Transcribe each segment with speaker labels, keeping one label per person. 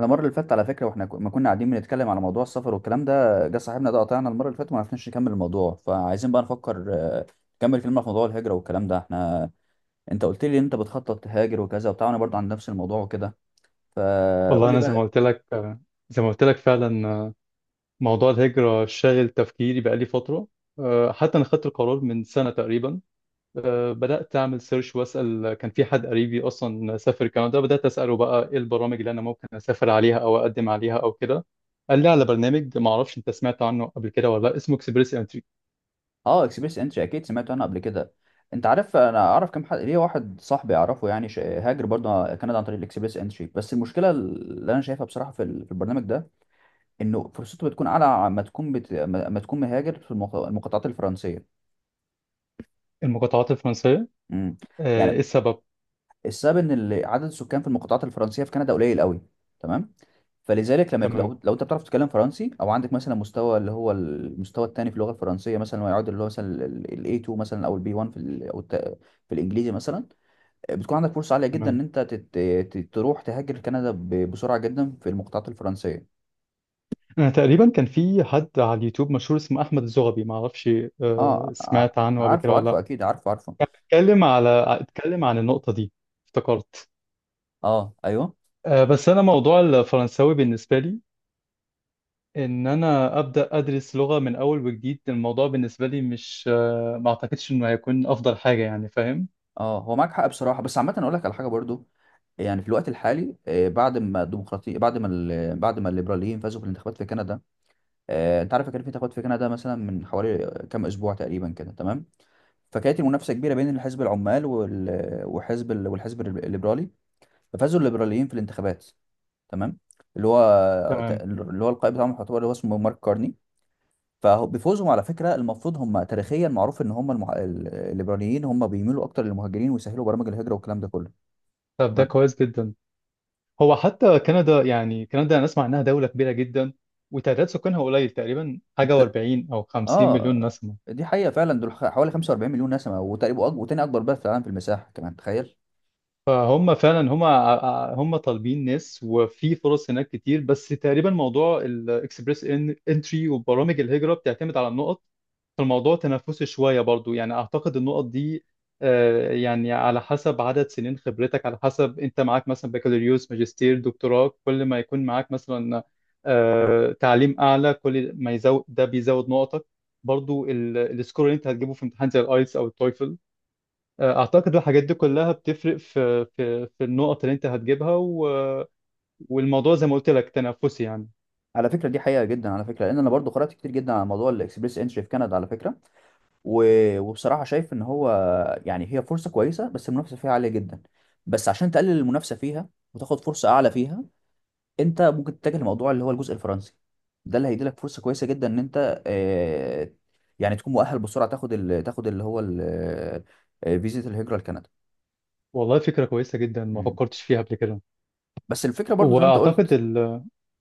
Speaker 1: انا المره اللي فاتت على فكره واحنا ما كنا قاعدين بنتكلم على موضوع السفر والكلام ده جه صاحبنا ده قطعنا المره اللي فاتت وما عرفناش نكمل الموضوع، فعايزين بقى نفكر، نكمل كلمه في موضوع الهجره والكلام ده. احنا انت قلت لي انت بتخطط تهاجر وكذا وبتاع، وانا برضه عند نفس الموضوع وكده،
Speaker 2: والله
Speaker 1: فقول لي
Speaker 2: انا
Speaker 1: بقى.
Speaker 2: زي ما قلت لك فعلا، موضوع الهجره شاغل تفكيري بقالي فتره. حتى انا خدت القرار من سنه تقريبا. بدات اعمل سيرش واسال، كان في حد قريبي اصلا سافر كندا. بدات اساله بقى ايه البرامج اللي انا ممكن اسافر عليها او اقدم عليها او كده. قال لي على برنامج، ما اعرفش انت سمعت عنه قبل كده ولا لا، اسمه اكسبريس انتري.
Speaker 1: اه، اكسبيرينس انتري اكيد سمعت عنها قبل كده. انت عارف انا اعرف كم حد ليه؟ واحد صاحبي اعرفه يعني هاجر برضه كندا عن طريق الاكسبريس انتري. بس المشكله اللي انا شايفها بصراحه في في البرنامج ده انه فرصته بتكون اعلى ما تكون بت... ما ما تكون مهاجر في المقاطعات الفرنسيه.
Speaker 2: المقاطعات الفرنسيه.
Speaker 1: امم
Speaker 2: ايه
Speaker 1: يعني
Speaker 2: السبب؟
Speaker 1: السبب ان عدد السكان في المقاطعات الفرنسيه في كندا قليل قوي. تمام. فلذلك لما يكون
Speaker 2: تمام،
Speaker 1: لو انت بتعرف تتكلم فرنسي او عندك مثلا مستوى اللي هو المستوى الثاني في اللغه الفرنسيه مثلا، ويعود اللي هو مثلا ال A2 مثلا او ال B1 في في الانجليزي مثلا، بتكون عندك فرصه عاليه جدا ان
Speaker 2: تمام.
Speaker 1: انت تروح تهاجر كندا بسرعه جدا في المقاطعات الفرنسيه.
Speaker 2: انا تقريبا كان في حد على اليوتيوب مشهور اسمه احمد الزغبي، ما اعرفش
Speaker 1: اه ع-
Speaker 2: سمعت عنه قبل كده
Speaker 1: عارفه
Speaker 2: ولا
Speaker 1: عارفه
Speaker 2: لا.
Speaker 1: اكيد عارفه عارفه.
Speaker 2: اتكلم على اتكلم عن النقطة دي. افتكرت.
Speaker 1: اه ايوه.
Speaker 2: بس انا موضوع الفرنساوي بالنسبة لي، ان انا ابدا ادرس لغة من اول وجديد، الموضوع بالنسبة لي مش ما اعتقدش انه هيكون افضل حاجة، يعني فاهم.
Speaker 1: اه هو معاك حق بصراحه، بس عامه اقول لك على حاجه برضو. يعني في الوقت الحالي، بعد ما الديمقراطية، بعد ما بعد ما الليبراليين فازوا في الانتخابات في كندا، انت عارف كان في انتخابات في كندا مثلا من حوالي كام اسبوع تقريبا كده. تمام. فكانت المنافسه كبيره بين الحزب العمال وحزب والحزب الليبرالي. ففازوا الليبراليين في الانتخابات. تمام. اللي هو
Speaker 2: تمام.
Speaker 1: اللي هو القائد بتاعهم يعتبر اللي هو اسمه مارك كارني. فبفوزهم على فكره المفروض هم تاريخيا معروف ان هم الليبراليين هم بيميلوا اكتر للمهاجرين ويسهلوا برامج الهجره والكلام ده كله.
Speaker 2: طب ده
Speaker 1: تمام.
Speaker 2: كويس جدا. هو حتى كندا، يعني كندا انا اسمع انها دولة كبيرة جدا وتعداد سكانها قليل، تقريبا حاجة
Speaker 1: انت
Speaker 2: و40 او 50 مليون
Speaker 1: اه،
Speaker 2: نسمة.
Speaker 1: دي حقيقة فعلا دول حوالي 45 مليون نسمة، وتقريبا وتاني أكبر بلد في العالم في المساحة كمان، تخيل.
Speaker 2: فهم فعلا هم طالبين ناس، وفي فرص هناك كتير. بس تقريبا موضوع الاكسبريس انتري وبرامج الهجرة بتعتمد على النقط. فالموضوع تنافسي شوية برضو، يعني أعتقد النقط دي يعني على حسب عدد سنين خبرتك، على حسب أنت معاك مثلا بكالوريوس ماجستير دكتوراه، كل ما يكون معاك مثلا تعليم أعلى كل ما يزود، ده بيزود نقطك. برضو السكور اللي أنت هتجيبه في امتحان زي الآيلتس أو التويفل، اعتقد الحاجات دي كلها بتفرق في النقط اللي انت هتجيبها والموضوع زي ما قلت لك تنافسي يعني.
Speaker 1: على فكرة دي حقيقة جدا على فكرة، لأن أنا برضو قرأت كتير جدا على موضوع الإكسبريس إنتري في كندا على فكرة. و... وبصراحة شايف إن هو يعني هي فرصة كويسة، بس المنافسة فيها عالية جدا. بس عشان تقلل المنافسة فيها وتاخد فرصة أعلى فيها، أنت ممكن تتجه لموضوع اللي هو الجزء الفرنسي. ده اللي هيديلك فرصة كويسة جدا إن أنت، يعني تكون مؤهل بسرعة تاخد تاخد اللي هو ال... آه، فيزيت الهجرة لكندا.
Speaker 2: والله فكره كويسه جدا، ما
Speaker 1: مم.
Speaker 2: فكرتش فيها قبل كده.
Speaker 1: بس الفكره برضو زي ما انت
Speaker 2: واعتقد
Speaker 1: قلت،
Speaker 2: ال...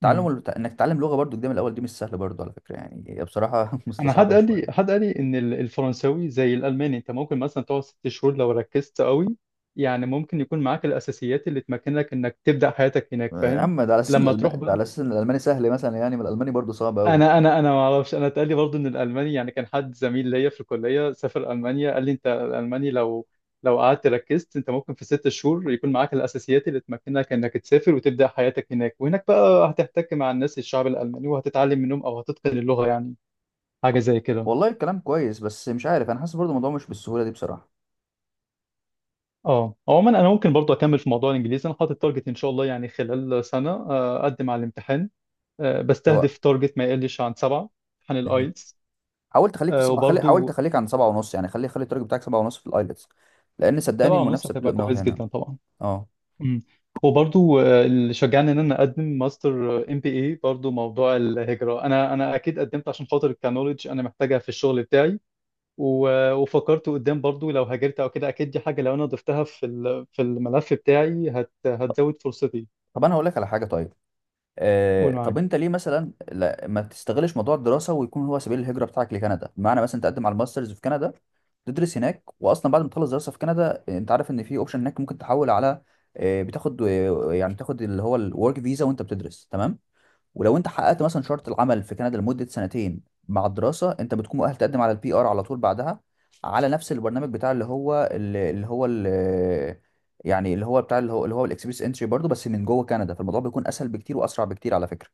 Speaker 1: تعلم
Speaker 2: مم.
Speaker 1: انك تتعلم لغه برضو جديده من الاول دي مش سهله برضو على فكره، يعني هي بصراحه
Speaker 2: انا حد
Speaker 1: مستصعبه
Speaker 2: قال لي
Speaker 1: شويه.
Speaker 2: حد قال لي ان الفرنساوي زي الالماني، انت ممكن مثلا تقعد 6 شهور لو ركزت قوي، يعني ممكن يكون معاك الاساسيات اللي تمكنك انك تبدا حياتك هناك،
Speaker 1: يا
Speaker 2: فاهم.
Speaker 1: عم ده على اساس
Speaker 2: لما تروح
Speaker 1: ده
Speaker 2: بقى،
Speaker 1: على اساس ان الالماني سهل مثلا، يعني ما الالماني برضو صعب قوي.
Speaker 2: انا ما اعرفش، انا اتقال لي برضه ان الالماني، يعني كان حد زميل ليا في الكليه سافر المانيا قال لي انت الالماني لو قعدت ركزت انت ممكن في 6 شهور يكون معاك الاساسيات اللي تمكنك انك تسافر وتبدا حياتك هناك، وهناك بقى هتحتك مع الناس الشعب الالماني وهتتعلم منهم او هتتقن اللغه، يعني حاجه زي كده.
Speaker 1: والله الكلام كويس، بس مش عارف انا حاسس برضو الموضوع مش بالسهوله دي بصراحه.
Speaker 2: اه، عموما انا ممكن برضه اكمل في موضوع الانجليزي. انا حاطط تارجت ان شاء الله، يعني خلال سنه اقدم على الامتحان.
Speaker 1: هو
Speaker 2: بستهدف تارجت ما يقلش عن 7، امتحان
Speaker 1: مهم.
Speaker 2: الايلتس.
Speaker 1: حاولت
Speaker 2: وبرضه
Speaker 1: اخليك عند سبعه ونص يعني، خلي التارجت بتاعك سبعه ونص في الايلتس، لان صدقني
Speaker 2: 7.5
Speaker 1: المنافسه بتبدا
Speaker 2: هتبقى
Speaker 1: من اول
Speaker 2: كويس
Speaker 1: هنا.
Speaker 2: جدا طبعا.
Speaker 1: اه.
Speaker 2: مم. وبرضو اللي شجعني ان انا اقدم ماستر ام بي اي برضو موضوع الهجره. انا اكيد قدمت عشان خاطر الكنولج انا محتاجها في الشغل بتاعي. وفكرت قدام برضو، لو هاجرت او كده اكيد دي حاجه لو انا ضفتها في في الملف بتاعي هت
Speaker 1: طب
Speaker 2: هتزود فرصتي.
Speaker 1: طب انا هقول لك على حاجه. طيب،
Speaker 2: قول
Speaker 1: طب
Speaker 2: معاك.
Speaker 1: انت ليه مثلا لا ما تستغلش موضوع الدراسه ويكون هو سبيل الهجره بتاعك لكندا، بمعنى مثلا تقدم على الماسترز في كندا، تدرس هناك. واصلا بعد ما تخلص دراسه في كندا، انت عارف ان في اوبشن هناك ممكن تحول على، بتاخد، يعني تاخد اللي هو الورك فيزا وانت بتدرس. تمام. ولو انت حققت مثلا شرط العمل في كندا لمده سنتين مع الدراسه، انت بتكون مؤهل تقدم على البي ار على طول بعدها، على نفس البرنامج بتاع اللي هو اللي اللي هو اللي يعني اللي هو بتاع اللي هو اللي هو الاكسبريس انتري برضه، بس من جوه كندا فالموضوع بيكون اسهل بكتير واسرع بكتير على فكره.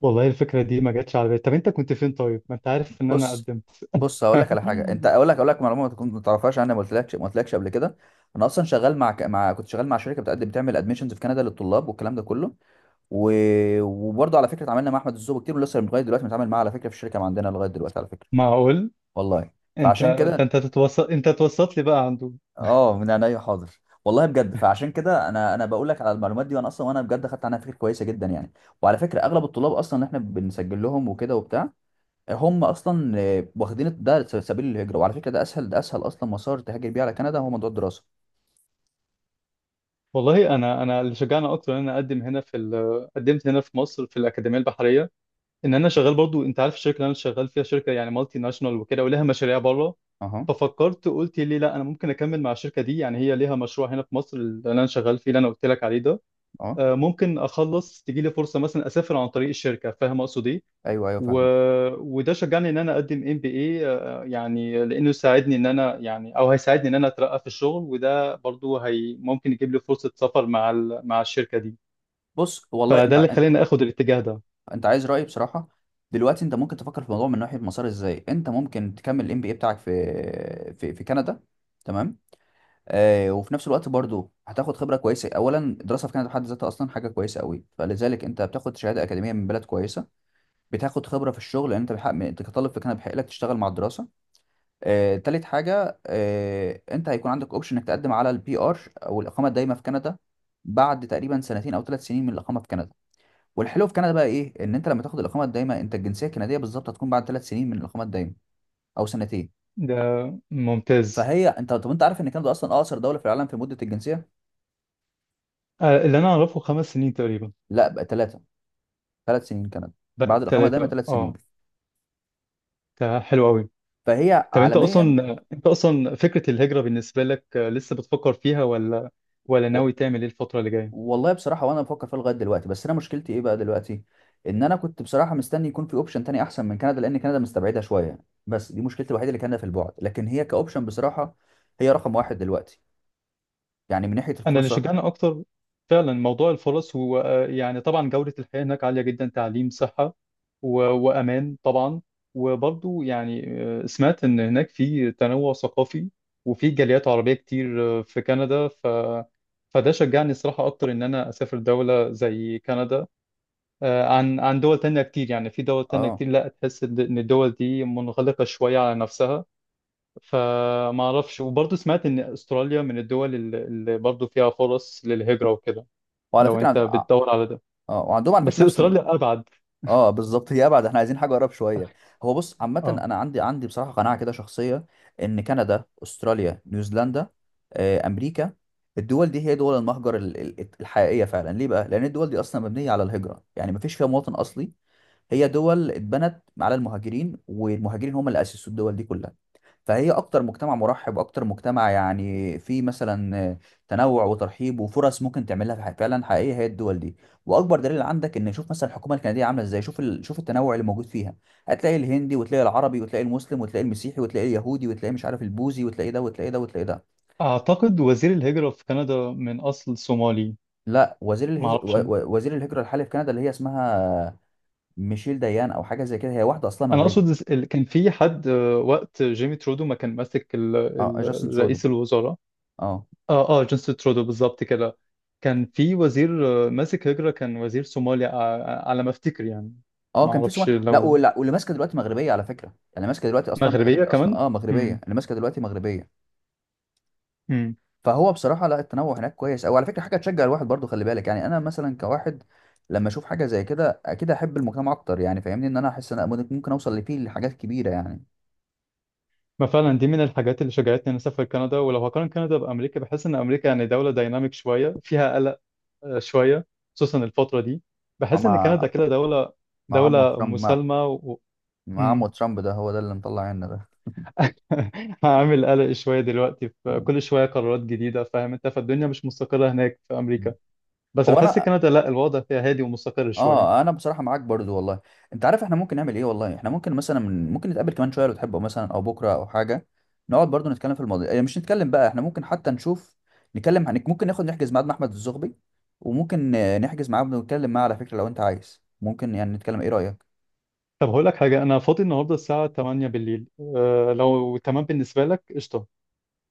Speaker 2: والله الفكره دي ما جاتش على بالي. طب انت كنت فين؟ طيب ما انت عارف ان انا
Speaker 1: بص
Speaker 2: قدمت.
Speaker 1: بص هقول لك على حاجه. انت اقول لك معلومه ما تكون ما تعرفهاش، انا ما قلتلكش قبل كده. انا اصلا شغال مع كنت شغال مع شركه بتعمل ادميشنز في كندا للطلاب والكلام ده كله. و... وبرضه على فكره اتعاملنا مع احمد الزوبي كتير، ولسه لغايه دلوقتي بنتعامل معاه على فكره في الشركه ما عندنا لغايه دلوقتي على فكره.
Speaker 2: معقول.
Speaker 1: والله.
Speaker 2: انت،
Speaker 1: فعشان
Speaker 2: ده
Speaker 1: كده
Speaker 2: انت تتوسط، انت توسط لي بقى عنده.
Speaker 1: اه، من عينيا حاضر والله بجد. فعشان كده انا بقول لك على المعلومات دي، وانا اصلا وانا بجد خدت عنها فكره كويسه جدا يعني. وعلى فكره اغلب الطلاب اصلا اللي احنا بنسجل لهم وكده وبتاع، هم اصلا، واخدين ده سبيل الهجره. وعلى فكره ده اسهل اصلا مسار تهاجر بيه على كندا هو موضوع الدراسه.
Speaker 2: والله انا اللي شجعني اكتر ان انا اقدم هنا في قدمت هنا في مصر في الاكاديميه البحريه، ان انا شغال برضو. انت عارف الشركه اللي انا شغال فيها شركه يعني مالتي ناشونال وكده، ولها مشاريع بره.
Speaker 1: اها.
Speaker 2: ففكرت قلت ليه لا، انا ممكن اكمل مع الشركه دي، يعني هي ليها مشروع هنا في مصر اللي انا شغال فيه اللي انا قلت لك عليه ده.
Speaker 1: اه
Speaker 2: ممكن اخلص تجي لي فرصه مثلا اسافر عن طريق الشركه، فاهم اقصد ايه.
Speaker 1: ايوه،
Speaker 2: و...
Speaker 1: فاهمك.
Speaker 2: وده شجعني ان انا اقدم ام بي اي، يعني لانه ساعدني ان انا، يعني او هيساعدني ان انا اترقى في الشغل، وده برضو هي ممكن يجيب لي فرصة سفر مع مع الشركة دي.
Speaker 1: بص والله
Speaker 2: فده
Speaker 1: انت
Speaker 2: اللي خلاني اخد الاتجاه ده.
Speaker 1: انت عايز رايي بصراحه؟ دلوقتي انت ممكن تفكر في الموضوع من ناحيه مسار ازاي انت ممكن تكمل الام بي اي بتاعك في كندا. تمام. وفي نفس الوقت برضو هتاخد خبره كويسه. اولا الدراسه في كندا بحد ذاتها اصلا حاجه كويسه قوي، فلذلك انت بتاخد شهاده اكاديميه من بلد كويسه. بتاخد خبره في الشغل لان انت بحق انت كطالب في كندا بيحق لك تشتغل مع الدراسه. تالت حاجه انت هيكون عندك اوبشن انك تقدم على البي ار او الاقامه الدائمه في كندا بعد تقريبا سنتين او ثلاث سنين من الاقامه في كندا. والحلو في كندا بقى ايه؟ ان انت لما تاخد الاقامه الدائمه، انت الجنسيه الكنديه بالظبط هتكون بعد ثلاث سنين من الاقامه الدائمه او سنتين.
Speaker 2: ده ممتاز.
Speaker 1: فهي انت، طب انت عارف ان كندا اصلا اقصر دوله في العالم في مده الجنسيه؟
Speaker 2: اللي انا اعرفه 5 سنين تقريبا.
Speaker 1: لا بقى ثلاثه، ثلاث سنين كندا،
Speaker 2: بقت
Speaker 1: بعد الاقامه دايما
Speaker 2: 3
Speaker 1: ثلاث سنين.
Speaker 2: اه. ده حلو قوي.
Speaker 1: فهي
Speaker 2: طب انت
Speaker 1: عالميا.
Speaker 2: اصلا، فكرة الهجرة بالنسبة لك لسه بتفكر فيها ولا، ولا
Speaker 1: و...
Speaker 2: ناوي تعمل ايه الفترة اللي جاية؟
Speaker 1: والله بصراحه وانا بفكر فيها لغايه دلوقتي، بس انا مشكلتي ايه بقى دلوقتي؟ ان انا كنت بصراحه مستني يكون في اوبشن تاني احسن من كندا، لان كندا مستبعدها شويه. بس دي مشكلتي الوحيده، اللي كندا في البعد، لكن هي كاوبشن بصراحه هي رقم واحد دلوقتي يعني من ناحيه
Speaker 2: انا اللي
Speaker 1: الفرصه.
Speaker 2: شجعني اكتر فعلا موضوع الفرص. هو يعني طبعا جودة الحياة هناك عالية جدا، تعليم، صحة، وامان طبعا. وبرضو يعني سمعت ان هناك في تنوع ثقافي وفي جاليات عربية كتير في كندا. فده شجعني الصراحة أكتر إن أنا أسافر دولة زي كندا عن دول تانية كتير، يعني في دول تانية
Speaker 1: اه.
Speaker 2: كتير لا، تحس إن الدول دي منغلقة شوية على نفسها. فما اعرفش، وبرضه سمعت ان استراليا من الدول اللي برضه فيها فرص للهجرة وكده، لو انت
Speaker 1: اه.
Speaker 2: بتدور على ده،
Speaker 1: آه. وعندهم على
Speaker 2: بس
Speaker 1: فكره نفس.
Speaker 2: استراليا ابعد.
Speaker 1: اه بالظبط، هي ابعد، احنا عايزين حاجه اقرب شويه. هو بص عامه
Speaker 2: اه،
Speaker 1: انا عندي بصراحه قناعه كده شخصيه، ان كندا، استراليا، نيوزيلندا، امريكا، الدول دي هي دول المهجر الحقيقيه فعلا. ليه بقى؟ لان الدول دي اصلا مبنيه على الهجره يعني مفيش فيها مواطن اصلي. هي دول اتبنت على المهاجرين، والمهاجرين هم اللي اسسوا الدول دي كلها. فهي اكتر مجتمع مرحب، اكتر مجتمع يعني فيه مثلا تنوع وترحيب وفرص ممكن تعملها فعلا حقيقيه هي الدول دي. واكبر دليل عندك ان شوف مثلا الحكومه الكنديه عامله ازاي، شوف شوف التنوع اللي موجود فيها. هتلاقي الهندي وتلاقي العربي وتلاقي المسلم وتلاقي المسيحي وتلاقي اليهودي وتلاقي مش عارف البوذي، وتلاقي ده.
Speaker 2: اعتقد وزير الهجرة في كندا من اصل صومالي.
Speaker 1: لا، وزير
Speaker 2: ما
Speaker 1: الهز... و...
Speaker 2: اعرفش،
Speaker 1: و- وزير الهجره الحالي في كندا اللي هي اسمها ميشيل ديان او حاجه زي كده، هي واحده اصلها
Speaker 2: انا
Speaker 1: مغربي.
Speaker 2: اقصد كان في حد وقت جيمي ترودو ما كان ماسك
Speaker 1: اه جاستن ترودو.
Speaker 2: رئيس الوزراء.
Speaker 1: اه
Speaker 2: اه جيمس ترودو بالظبط كده، كان في وزير ماسك هجرة، كان وزير صومالي، على ما افتكر يعني.
Speaker 1: اه
Speaker 2: ما
Speaker 1: كان في
Speaker 2: اعرفش
Speaker 1: سومال لا
Speaker 2: لو
Speaker 1: ولا واللي ماسكه دلوقتي مغربيه على فكره. اللي ماسكه دلوقتي اصلا
Speaker 2: مغربية
Speaker 1: مغربي، اصلا
Speaker 2: كمان.
Speaker 1: اه مغربيه،
Speaker 2: امم.
Speaker 1: اللي ماسكه دلوقتي مغربيه. فهو بصراحه لا، التنوع هناك كويس، او على فكره حاجه تشجع الواحد برضو. خلي بالك يعني انا مثلا كواحد لما اشوف حاجه زي كده اكيد احب المجتمع اكتر، يعني فاهمني ان انا احس ان أنا ممكن اوصل لفيه لحاجات كبيره يعني.
Speaker 2: ما فعلا دي من الحاجات اللي شجعتني اني اسافر كندا. ولو هقارن كندا بامريكا بحس ان امريكا يعني دوله دايناميك شويه، فيها قلق شويه، خصوصا الفتره دي.
Speaker 1: مع
Speaker 2: بحس ان كندا كده
Speaker 1: مع عمو
Speaker 2: دوله
Speaker 1: ترامب مع
Speaker 2: مسالمه
Speaker 1: مع عمو
Speaker 2: مم.
Speaker 1: ترامب ده هو ده اللي مطلع عنا ده.
Speaker 2: هعمل قلق شويه دلوقتي، في كل شويه قرارات جديده، فاهم انت، فالدنيا مش مستقره هناك في امريكا.
Speaker 1: مم.
Speaker 2: بس
Speaker 1: هو
Speaker 2: بحس
Speaker 1: انا،
Speaker 2: كندا لا، الوضع فيها هادي ومستقر شويه.
Speaker 1: اه انا بصراحه معاك برضو والله. انت عارف احنا ممكن نعمل ايه والله؟ احنا ممكن مثلا ممكن نتقابل كمان شويه لو تحب، او مثلا او بكره او حاجه، نقعد برضو نتكلم في الموضوع، إيه، مش نتكلم بقى، احنا ممكن حتى نشوف نتكلم عن، ممكن نحجز ميعاد مع احمد الزغبي، وممكن نحجز معاه ونتكلم معاه على فكره لو انت عايز ممكن، يعني نتكلم، ايه رايك؟
Speaker 2: طب هقول لك حاجه، انا فاضي النهارده الساعه 8 بالليل. أه لو تمام بالنسبه لك قشطه.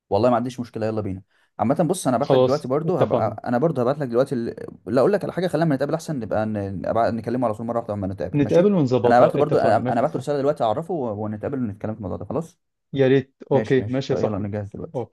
Speaker 1: والله ما عنديش مشكله، يلا بينا. عامه بص انا هبعت لك دلوقتي
Speaker 2: خلاص
Speaker 1: برضو،
Speaker 2: اتفقنا.
Speaker 1: هبقى انا برضو هبعت لك دلوقتي ال... لا اقول لك على حاجه، خلينا أما نتقابل احسن، نبقى نكلمه على طول مره واحده لما نتقابل ماشي.
Speaker 2: نتقابل
Speaker 1: انا هبعت له
Speaker 2: ونظبطها،
Speaker 1: برضو
Speaker 2: اتفقنا
Speaker 1: انا
Speaker 2: ماشي
Speaker 1: أنا
Speaker 2: يا
Speaker 1: هبعت له
Speaker 2: صاحبي.
Speaker 1: رساله دلوقتي اعرفه ونتقابل ونتكلم في الموضوع ده خلاص.
Speaker 2: يا ريت،
Speaker 1: ماشي
Speaker 2: اوكي
Speaker 1: ماشي
Speaker 2: ماشي يا
Speaker 1: يلا
Speaker 2: صاحبي.
Speaker 1: نجهز دلوقتي.
Speaker 2: أوكي.